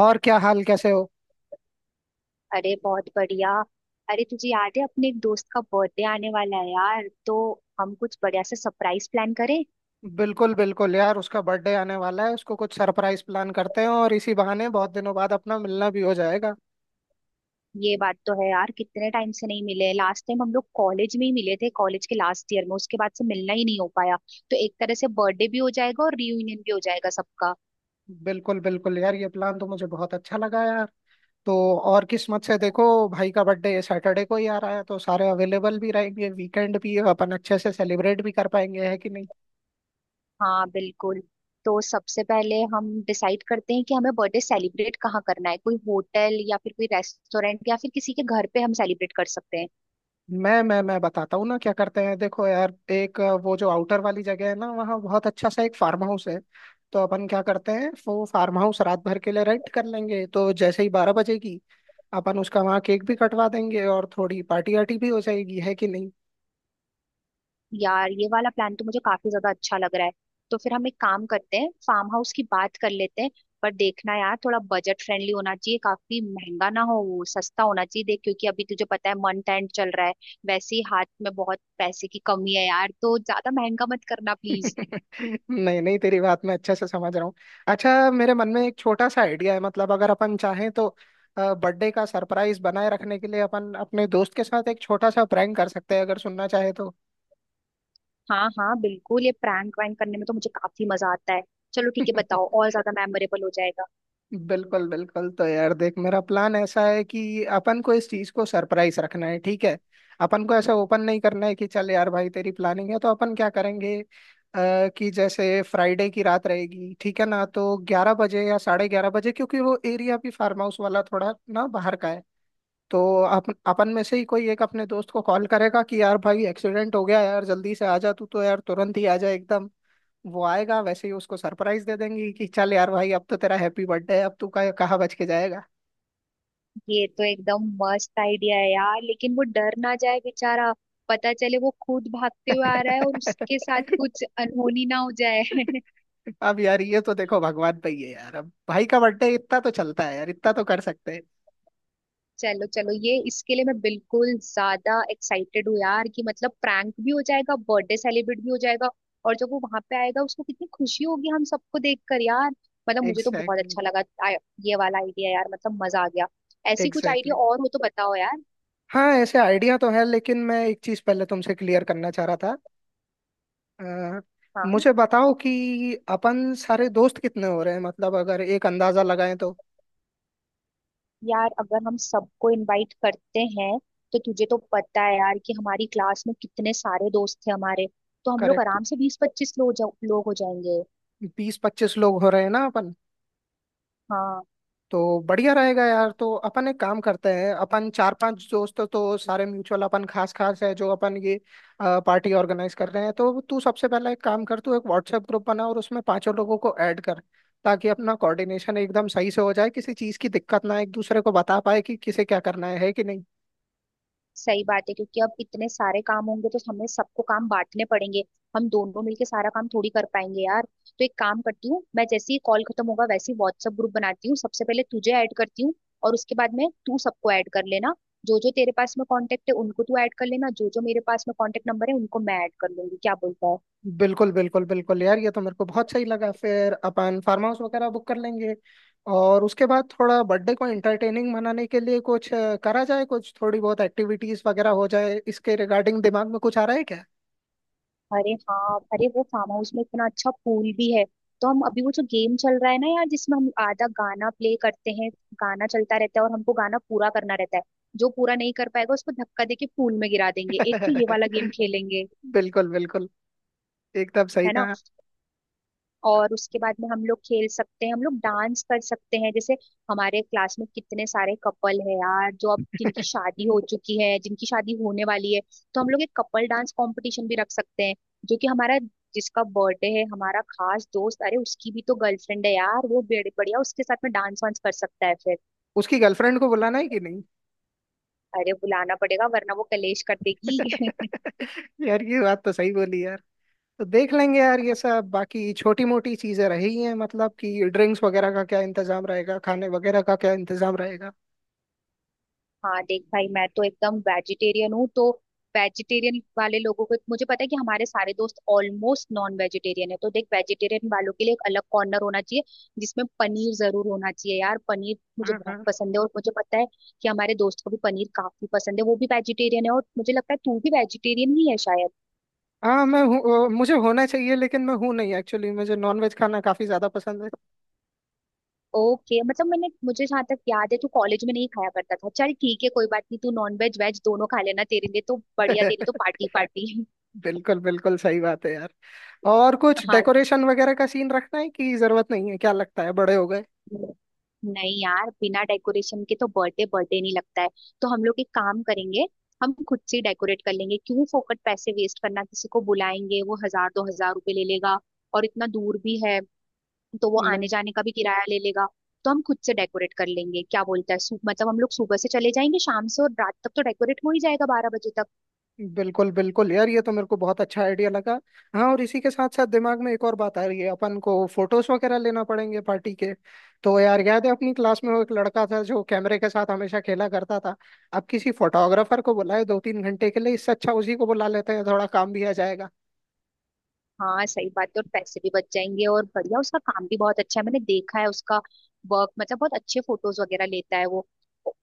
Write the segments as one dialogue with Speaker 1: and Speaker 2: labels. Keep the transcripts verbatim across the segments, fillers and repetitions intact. Speaker 1: और क्या हाल, कैसे हो।
Speaker 2: अरे बहुत बढ़िया। अरे तुझे याद है, अपने एक दोस्त का बर्थडे आने वाला है यार, तो हम कुछ बढ़िया से सरप्राइज प्लान करें।
Speaker 1: बिल्कुल बिल्कुल यार, उसका बर्थडे आने वाला है, उसको कुछ सरप्राइज प्लान करते हैं और इसी बहाने बहुत दिनों बाद अपना मिलना भी हो जाएगा।
Speaker 2: ये बात तो है यार, कितने टाइम से नहीं मिले। लास्ट टाइम हम लोग कॉलेज में ही मिले थे, कॉलेज के लास्ट ईयर में। उसके बाद से मिलना ही नहीं हो पाया। तो एक तरह से बर्थडे भी हो जाएगा और रियूनियन भी हो जाएगा सबका।
Speaker 1: बिल्कुल बिल्कुल यार, ये प्लान तो मुझे बहुत अच्छा लगा यार। तो और किस्मत से देखो, भाई का बर्थडे सैटरडे को ही आ रहा है, तो सारे अवेलेबल भी रहेंगे, वीकेंड भी है, अपन अच्छे से सेलिब्रेट भी कर पाएंगे, है कि नहीं।
Speaker 2: हाँ बिल्कुल। तो सबसे पहले हम डिसाइड करते हैं कि हमें बर्थडे सेलिब्रेट कहाँ करना है। कोई होटल, या फिर कोई रेस्टोरेंट, या फिर किसी के घर पे हम सेलिब्रेट कर सकते हैं।
Speaker 1: मैं मैं मैं बताता हूँ ना क्या करते हैं। देखो यार, एक अ, वो जो आउटर वाली जगह है ना, वहाँ बहुत अच्छा सा एक फार्म हाउस है। तो अपन क्या करते हैं, वो फार्म हाउस रात भर के लिए रेंट कर लेंगे, तो जैसे ही बारह बजेगी अपन उसका वहाँ केक भी कटवा देंगे और थोड़ी पार्टी वार्टी भी हो जाएगी, है कि नहीं।
Speaker 2: यार ये वाला प्लान तो मुझे काफी ज्यादा अच्छा लग रहा है। तो फिर हम एक काम करते हैं, फार्म हाउस की बात कर लेते हैं। पर देखना यार, थोड़ा बजट फ्रेंडली होना चाहिए, काफी महंगा ना हो, वो सस्ता होना चाहिए देख, क्योंकि अभी तुझे पता है मंथ एंड चल रहा है। वैसे ही हाथ में बहुत पैसे की कमी है यार, तो ज्यादा महंगा मत करना प्लीज।
Speaker 1: नहीं नहीं, तेरी बात मैं अच्छे से समझ रहा हूँ। अच्छा, मेरे मन में एक छोटा सा आइडिया है, मतलब अगर अपन चाहें तो बर्थडे का सरप्राइज बनाए रखने के लिए अपन अपने दोस्त के साथ एक छोटा सा प्रैंक कर सकते हैं, अगर सुनना चाहे तो।
Speaker 2: हाँ हाँ बिल्कुल, ये प्रैंक वैंक करने में तो मुझे काफी मजा आता है। चलो ठीक है, बताओ, और ज्यादा मेमोरेबल हो जाएगा।
Speaker 1: बिल्कुल बिल्कुल। तो यार देख, मेरा प्लान ऐसा है कि अपन को इस चीज को सरप्राइज रखना है, ठीक है। अपन को ऐसा ओपन नहीं करना है कि चल यार भाई तेरी प्लानिंग है, तो अपन क्या करेंगे आ, कि जैसे फ्राइडे की रात रहेगी, ठीक है ना, तो ग्यारह बजे या साढ़े ग्यारह बजे, क्योंकि वो एरिया भी फार्म हाउस वाला थोड़ा ना बाहर का है। तो अपन अपन में से ही कोई एक अपने दोस्त को कॉल करेगा कि यार भाई एक्सीडेंट हो गया यार, जल्दी से आ जा तू, तो यार तुरंत ही आ जा एकदम। वो आएगा वैसे ही उसको सरप्राइज दे देंगी कि चल यार भाई, अब तो तेरा हैप्पी बर्थडे है, अब तू कहाँ कहाँ बच के जाएगा।
Speaker 2: ये तो एकदम मस्त आइडिया है यार, लेकिन वो डर ना जाए बेचारा। पता चले वो खुद भागते हुए आ रहा है और उसके साथ कुछ अनहोनी ना हो जाए।
Speaker 1: अब यार ये तो देखो भगवान पे ही है यार, अब भाई का बर्थडे इतना तो चलता है यार, इतना तो कर सकते हैं।
Speaker 2: चलो चलो, ये इसके लिए मैं बिल्कुल ज्यादा एक्साइटेड हूँ यार, कि मतलब प्रैंक भी हो जाएगा, बर्थडे सेलिब्रेट भी हो जाएगा। और जब वो वहां पे आएगा, उसको कितनी खुशी होगी हम सबको देखकर यार। मतलब मुझे तो बहुत
Speaker 1: एग्जैक्टली
Speaker 2: अच्छा लगा। आ- ये वाला आइडिया यार, मतलब मजा आ गया। ऐसी कुछ आइडिया
Speaker 1: एग्जैक्टली।
Speaker 2: और हो तो बताओ यार।
Speaker 1: हाँ, ऐसे आइडिया तो है, लेकिन मैं एक चीज पहले तुमसे क्लियर करना चाह रहा था। अ,
Speaker 2: हाँ
Speaker 1: मुझे बताओ कि अपन सारे दोस्त कितने हो रहे हैं, मतलब अगर एक अंदाजा लगाएं तो।
Speaker 2: यार, अगर हम सबको इनवाइट करते हैं, तो तुझे तो पता है यार कि हमारी क्लास में कितने सारे दोस्त थे हमारे। तो हम लोग
Speaker 1: करेक्ट।
Speaker 2: आराम से बीस पच्चीस लोग जा, लोग हो जाएंगे।
Speaker 1: बीस पच्चीस लोग हो रहे हैं ना अपन।
Speaker 2: हाँ
Speaker 1: तो बढ़िया रहेगा यार। तो अपन एक काम करते हैं, अपन चार पांच दोस्त तो सारे म्यूचुअल, अपन खास खास है जो अपन ये पार्टी ऑर्गेनाइज कर रहे हैं, तो तू सबसे पहला एक काम कर, तू एक व्हाट्सएप ग्रुप बना और उसमें पांचों लोगों को ऐड कर, ताकि अपना कोऑर्डिनेशन एकदम सही से हो जाए, किसी चीज की दिक्कत ना आए, एक दूसरे को बता पाए कि किसे क्या करना है है कि नहीं।
Speaker 2: सही बात है, क्योंकि अब इतने सारे काम होंगे तो हमें सबको काम बांटने पड़ेंगे। हम दोनों मिलके सारा काम थोड़ी कर पाएंगे यार। तो एक काम करती हूँ, मैं जैसे ही कॉल खत्म होगा वैसे ही व्हाट्सएप ग्रुप बनाती हूँ, सबसे पहले तुझे ऐड करती हूँ। और उसके बाद में तू सबको ऐड कर लेना। जो जो तेरे पास में कांटेक्ट है उनको तू ऐड कर लेना, जो जो मेरे पास में कांटेक्ट नंबर है उनको मैं ऐड कर लूंगी, क्या बोलता है?
Speaker 1: बिल्कुल बिल्कुल बिल्कुल यार, ये तो मेरे को बहुत सही लगा, फिर अपन फार्म हाउस वगैरह बुक कर लेंगे और उसके बाद थोड़ा बर्थडे को एंटरटेनिंग मनाने के लिए कुछ अ, करा जाए, कुछ थोड़ी बहुत एक्टिविटीज वगैरह हो जाए, इसके रिगार्डिंग दिमाग में कुछ आ रहा है क्या।
Speaker 2: अरे हाँ, अरे वो फार्म हाउस में इतना अच्छा पूल भी है। तो हम अभी वो जो गेम चल रहा है ना यार, जिसमें हम आधा गाना प्ले करते हैं, गाना चलता रहता है और हमको गाना पूरा करना रहता है, जो पूरा नहीं कर पाएगा उसको धक्का देके पूल में गिरा देंगे। एक तो ये वाला गेम खेलेंगे,
Speaker 1: बिल्कुल बिल्कुल। एकदम सही
Speaker 2: है ना।
Speaker 1: कहा।
Speaker 2: और उसके बाद में हम लोग खेल सकते हैं, हम लोग डांस कर सकते हैं। जैसे, हमारे क्लास में कितने सारे कपल है यार, जो अब जिनकी शादी हो चुकी है, जिनकी शादी होने वाली है। तो हम लोग एक कपल डांस कंपटीशन भी रख सकते हैं। जो कि हमारा, जिसका बर्थडे है हमारा खास दोस्त, अरे उसकी भी तो गर्लफ्रेंड है यार, वो बड़े बढ़िया उसके साथ में डांस वांस कर सकता है फिर।
Speaker 1: उसकी गर्लफ्रेंड को बुलाना है कि नहीं।
Speaker 2: अरे बुलाना पड़ेगा, वरना वो कलेश कर देगी।
Speaker 1: यार ये बात तो सही बोली यार। तो देख लेंगे यार, ये सब बाकी छोटी मोटी चीजें रही हैं, मतलब कि ड्रिंक्स वगैरह का क्या इंतजाम रहेगा, खाने वगैरह का क्या इंतजाम रहेगा।
Speaker 2: हाँ देख भाई, मैं तो एकदम वेजिटेरियन हूँ, तो वेजिटेरियन वाले लोगों को, मुझे पता है कि हमारे सारे दोस्त ऑलमोस्ट नॉन वेजिटेरियन है, तो देख वेजिटेरियन वालों के लिए एक अलग कॉर्नर होना चाहिए, जिसमें पनीर जरूर होना चाहिए यार, पनीर मुझे
Speaker 1: हाँ
Speaker 2: बहुत
Speaker 1: हाँ।
Speaker 2: पसंद है। और मुझे पता है कि हमारे दोस्त को भी पनीर काफी पसंद है, वो भी वेजिटेरियन है। और मुझे लगता है तू भी वेजिटेरियन ही है शायद।
Speaker 1: हाँ, मैं हूँ। अ, मुझे होना चाहिए लेकिन मैं हूँ नहीं, एक्चुअली मुझे नॉनवेज खाना काफी ज्यादा पसंद
Speaker 2: ओके, मतलब मैंने, मुझे जहाँ तक याद है तू कॉलेज में नहीं खाया करता था। चल ठीक है, कोई बात नहीं, तू नॉन वेज वेज दोनों खा लेना, तेरे लिए तो बढ़िया,
Speaker 1: है।
Speaker 2: तेरी तो पार्टी पार्टी।
Speaker 1: बिल्कुल बिल्कुल सही बात है यार। और कुछ
Speaker 2: हाँ।
Speaker 1: डेकोरेशन वगैरह का सीन रखना है कि जरूरत नहीं है, क्या लगता है, बड़े हो गए।
Speaker 2: नहीं यार, बिना डेकोरेशन के तो बर्थडे बर्थडे नहीं लगता है। तो हम लोग एक काम करेंगे, हम खुद से डेकोरेट कर लेंगे। क्यों फोकट पैसे वेस्ट करना, किसी को बुलाएंगे वो हजार दो हजार रुपए ले लेगा। और इतना दूर भी है, तो वो आने
Speaker 1: नहीं।
Speaker 2: जाने का भी किराया ले लेगा। तो हम खुद से डेकोरेट कर लेंगे, क्या बोलता है? सु- मतलब हम लोग सुबह से चले जाएंगे, शाम से, और रात तक तो डेकोरेट हो ही जाएगा, बारह बजे तक।
Speaker 1: बिल्कुल बिल्कुल यार, ये तो मेरे को बहुत अच्छा आइडिया लगा। हाँ, और इसी के साथ साथ दिमाग में एक और बात आ रही है, अपन को फोटोज वगैरह लेना पड़ेंगे पार्टी के। तो यार याद है अपनी क्लास में वो एक लड़का था जो कैमरे के साथ हमेशा खेला करता था। अब किसी फोटोग्राफर को बुलाए दो तीन घंटे के लिए, इससे अच्छा उसी को बुला लेते हैं, थोड़ा काम भी आ जाएगा।
Speaker 2: हाँ सही बात है, और पैसे भी बच जाएंगे, और बढ़िया, उसका काम भी बहुत अच्छा है, मैंने देखा है उसका वर्क, मतलब बहुत अच्छे फोटोज वगैरह लेता है वो।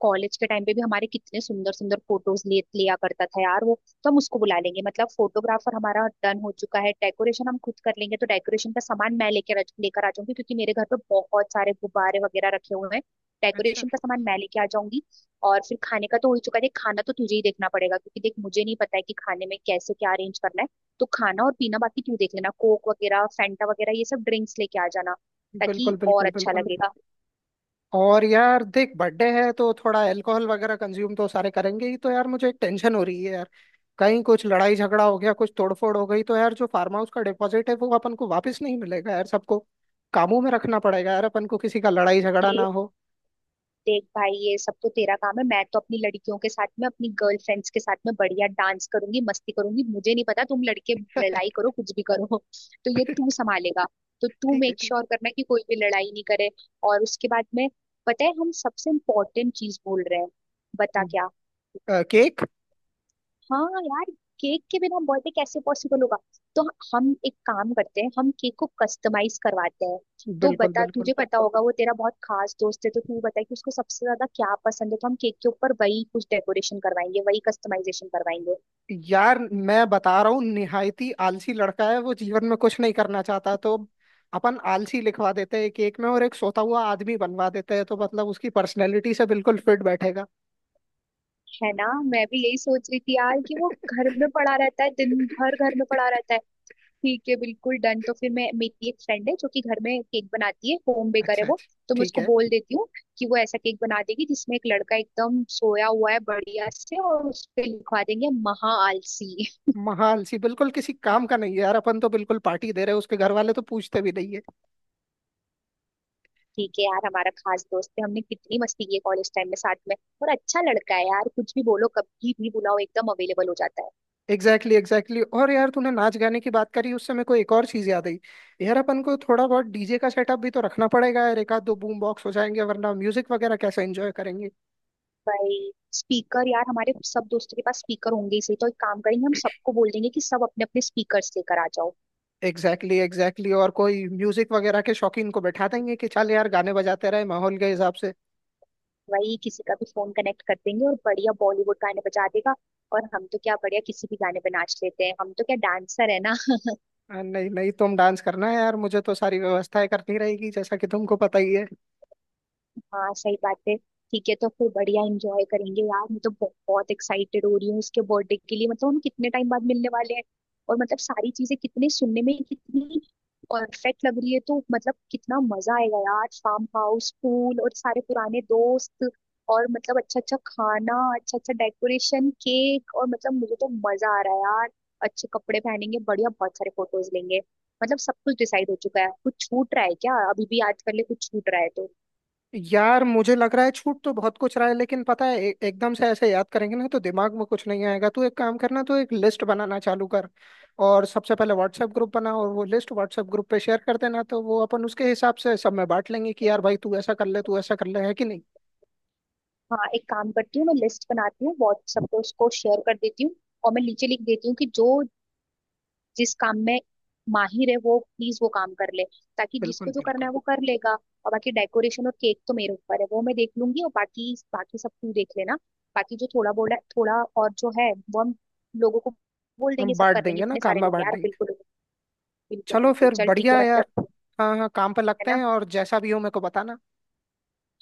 Speaker 2: कॉलेज के टाइम पे भी हमारे कितने सुंदर सुंदर फोटोज ले लिया करता था यार वो, तो हम उसको बुला लेंगे। मतलब फोटोग्राफर हमारा डन हो चुका है, डेकोरेशन हम खुद कर लेंगे, तो डेकोरेशन का सामान मैं लेकर लेकर आ जाऊंगी, क्योंकि मेरे घर पे बहुत सारे गुब्बारे वगैरह रखे हुए हैं।
Speaker 1: अच्छा।
Speaker 2: डेकोरेशन का सामान मैं लेके आ जाऊंगी। और फिर खाने का तो हो ही चुका है देख, खाना तो तुझे ही देखना पड़ेगा, क्योंकि देख, मुझे नहीं पता है कि खाने में कैसे क्या अरेंज करना है। तो खाना और पीना बाकी तू देख लेना, कोक वगैरह, फैंटा वगैरह, ये सब ड्रिंक्स लेके आ जाना, ताकि
Speaker 1: बिल्कुल
Speaker 2: और
Speaker 1: बिल्कुल
Speaker 2: अच्छा
Speaker 1: बिल्कुल।
Speaker 2: लगेगा।
Speaker 1: और यार देख बर्थडे है तो थोड़ा अल्कोहल वगैरह कंज्यूम तो सारे करेंगे ही, तो यार मुझे एक टेंशन हो रही है यार, कहीं कुछ लड़ाई झगड़ा हो गया, कुछ तोड़फोड़ हो गई तो यार जो फार्म हाउस का डिपॉजिट है वो अपन को वापस नहीं मिलेगा यार। सबको कामों में रखना पड़ेगा यार, अपन को किसी का लड़ाई झगड़ा
Speaker 2: ये
Speaker 1: ना हो।
Speaker 2: देख भाई, ये सब तो तेरा काम है। मैं तो अपनी लड़कियों के साथ में, अपनी गर्लफ्रेंड्स के साथ में बढ़िया डांस करूंगी, मस्ती करूंगी। मुझे नहीं पता, तुम लड़के लड़ाई
Speaker 1: ठीक
Speaker 2: करो, कुछ भी करो, तो ये तू संभालेगा। तो
Speaker 1: है
Speaker 2: तू
Speaker 1: ठीक है।
Speaker 2: मेक श्योर करना कि कोई भी लड़ाई नहीं करे। और उसके बाद में, पता है हम सबसे इम्पोर्टेंट चीज भूल रहे हैं, बता
Speaker 1: अम,
Speaker 2: क्या?
Speaker 1: अ, केक।
Speaker 2: हाँ यार, केक के बिना बर्थडे कैसे पॉसिबल होगा। तो हम एक काम करते हैं, हम केक को कस्टमाइज करवाते हैं। तो
Speaker 1: बिल्कुल
Speaker 2: बता,
Speaker 1: बिल्कुल।
Speaker 2: तुझे पता होगा, वो तेरा बहुत खास दोस्त है, तो तू बता कि उसको सबसे ज्यादा क्या पसंद है, तो हम केक के ऊपर वही कुछ डेकोरेशन करवाएंगे, वही कस्टमाइजेशन करवाएंगे।
Speaker 1: यार मैं बता रहा हूँ निहायती आलसी लड़का है वो, जीवन में कुछ नहीं करना चाहता, तो अपन आलसी लिखवा देते हैं एक एक में और एक सोता हुआ आदमी बनवा देते हैं, तो मतलब उसकी पर्सनैलिटी से बिल्कुल फिट बैठेगा।
Speaker 2: है ना, मैं भी यही सोच रही थी यार, कि वो घर में पड़ा रहता है, दिन भर घर में पड़ा रहता है। ठीक है, बिल्कुल डन। तो फिर, मैं, मेरी एक फ्रेंड है जो कि घर में केक बनाती है, होम बेकर है
Speaker 1: अच्छा
Speaker 2: वो,
Speaker 1: अच्छा।
Speaker 2: तो मैं
Speaker 1: ठीक
Speaker 2: उसको
Speaker 1: है।
Speaker 2: बोल देती हूँ कि वो ऐसा केक बना देगी जिसमें एक लड़का एकदम सोया हुआ है, बढ़िया से, और उस पे लिखवा देंगे महा आलसी।
Speaker 1: महाआलसी बिल्कुल किसी काम का नहीं है यार, अपन तो बिल्कुल पार्टी दे रहे हैं, उसके घर वाले तो पूछते भी नहीं।
Speaker 2: ठीक है यार, हमारा खास दोस्त है, हमने कितनी मस्ती की है कॉलेज टाइम में साथ में। और अच्छा लड़का है यार, कुछ भी बोलो, कभी भी बुलाओ, एकदम अवेलेबल हो जाता है।
Speaker 1: Exactly exactly. और यार तूने नाच गाने की बात करी उससे मेरे को एक और चीज याद आई। यार अपन को थोड़ा बहुत डीजे का सेटअप भी तो रखना पड़ेगा यार, एक आध दो बूम बॉक्स हो जाएंगे वरना म्यूजिक वगैरह कैसे एंजॉय करेंगे।
Speaker 2: भाई स्पीकर यार, हमारे सब दोस्तों के पास स्पीकर होंगे ही सही, तो एक काम करेंगे, हम सबको बोल देंगे कि सब अपने अपने स्पीकर लेकर आ जाओ।
Speaker 1: Exactly exactly, exactly exactly। और कोई म्यूजिक वगैरह के शौकीन को बैठा देंगे कि चल यार गाने बजाते रहे माहौल के हिसाब से।
Speaker 2: वही किसी का भी फोन कनेक्ट कर देंगे और बढ़िया बॉलीवुड गाने बजा देगा। और हम तो क्या, बढ़िया किसी भी गाने पे नाच लेते हैं, हम तो क्या डांसर है ना।
Speaker 1: अ, नहीं नहीं, तुम डांस करना है यार, मुझे तो सारी व्यवस्थाएं करनी रहेगी जैसा कि तुमको पता ही है।
Speaker 2: हाँ सही बात है। ठीक है, तो फिर बढ़िया एंजॉय करेंगे यार, मैं तो बहुत एक्साइटेड हो रही हूँ उसके बर्थडे के लिए। मतलब हम कितने टाइम बाद मिलने वाले हैं, और मतलब सारी चीजें कितने, सुनने में कितनी परफेक्ट लग रही है। तो मतलब कितना मजा आएगा यार, फार्म हाउस, पूल, और सारे पुराने दोस्त, और मतलब अच्छा अच्छा खाना, अच्छा अच्छा डेकोरेशन, केक, और मतलब मुझे तो मजा आ रहा है यार। अच्छे कपड़े पहनेंगे, बढ़िया, बहुत सारे फोटोज लेंगे। मतलब सब कुछ डिसाइड हो चुका है, कुछ छूट रहा है क्या? अभी भी आज कर ले, कुछ छूट रहा है तो।
Speaker 1: यार मुझे लग रहा है छूट तो बहुत कुछ रहा है, लेकिन पता है ए- एकदम से ऐसे याद करेंगे ना तो दिमाग में कुछ नहीं आएगा, तू एक काम करना तो एक लिस्ट बनाना चालू कर और सबसे पहले व्हाट्सएप ग्रुप बना और वो लिस्ट व्हाट्सएप ग्रुप पे शेयर कर देना, तो वो अपन उसके हिसाब से सब में बांट लेंगे कि यार भाई तू ऐसा कर ले तू ऐसा कर ले, है कि नहीं।
Speaker 2: हाँ एक काम करती हूँ, मैं लिस्ट बनाती हूँ, व्हाट्सएप पे उसको शेयर कर देती हूँ। और मैं नीचे लिख देती हूँ कि जो जिस काम में माहिर है, वो प्लीज वो काम कर ले, ताकि जिसको
Speaker 1: बिल्कुल
Speaker 2: जो करना है
Speaker 1: बिल्कुल।
Speaker 2: वो कर लेगा। और बाकी डेकोरेशन और केक तो मेरे ऊपर है, वो मैं देख लूंगी, और बाकी बाकी सब तू देख लेना। बाकी जो थोड़ा बोला थोड़ा, और जो है वो हम लोगों को बोल
Speaker 1: हम
Speaker 2: देंगे, सब
Speaker 1: बांट
Speaker 2: कर लेंगे,
Speaker 1: देंगे ना,
Speaker 2: इतने
Speaker 1: काम
Speaker 2: सारे
Speaker 1: में
Speaker 2: लोग
Speaker 1: बांट
Speaker 2: हैं यार।
Speaker 1: देंगे।
Speaker 2: बिल्कुल बिल्कुल
Speaker 1: चलो
Speaker 2: बिल्कुल,
Speaker 1: फिर
Speaker 2: चल ठीक
Speaker 1: बढ़िया
Speaker 2: है,
Speaker 1: है यार।
Speaker 2: मतलब
Speaker 1: हाँ हाँ काम पे
Speaker 2: है
Speaker 1: लगते
Speaker 2: ना।
Speaker 1: हैं, और जैसा भी हो मेरे को बताना।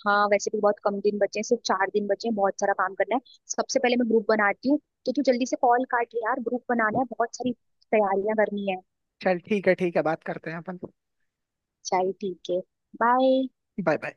Speaker 2: हाँ वैसे भी बहुत कम दिन बचे हैं, सिर्फ चार दिन बचे हैं, बहुत सारा काम करना है। सबसे पहले मैं ग्रुप बनाती हूँ, तो तू जल्दी से कॉल काट ले यार, ग्रुप बनाना है, बहुत सारी तैयारियां करनी है।
Speaker 1: चल ठीक है ठीक है, बात करते हैं अपन।
Speaker 2: चल ठीक है, बाय।
Speaker 1: Bye bye.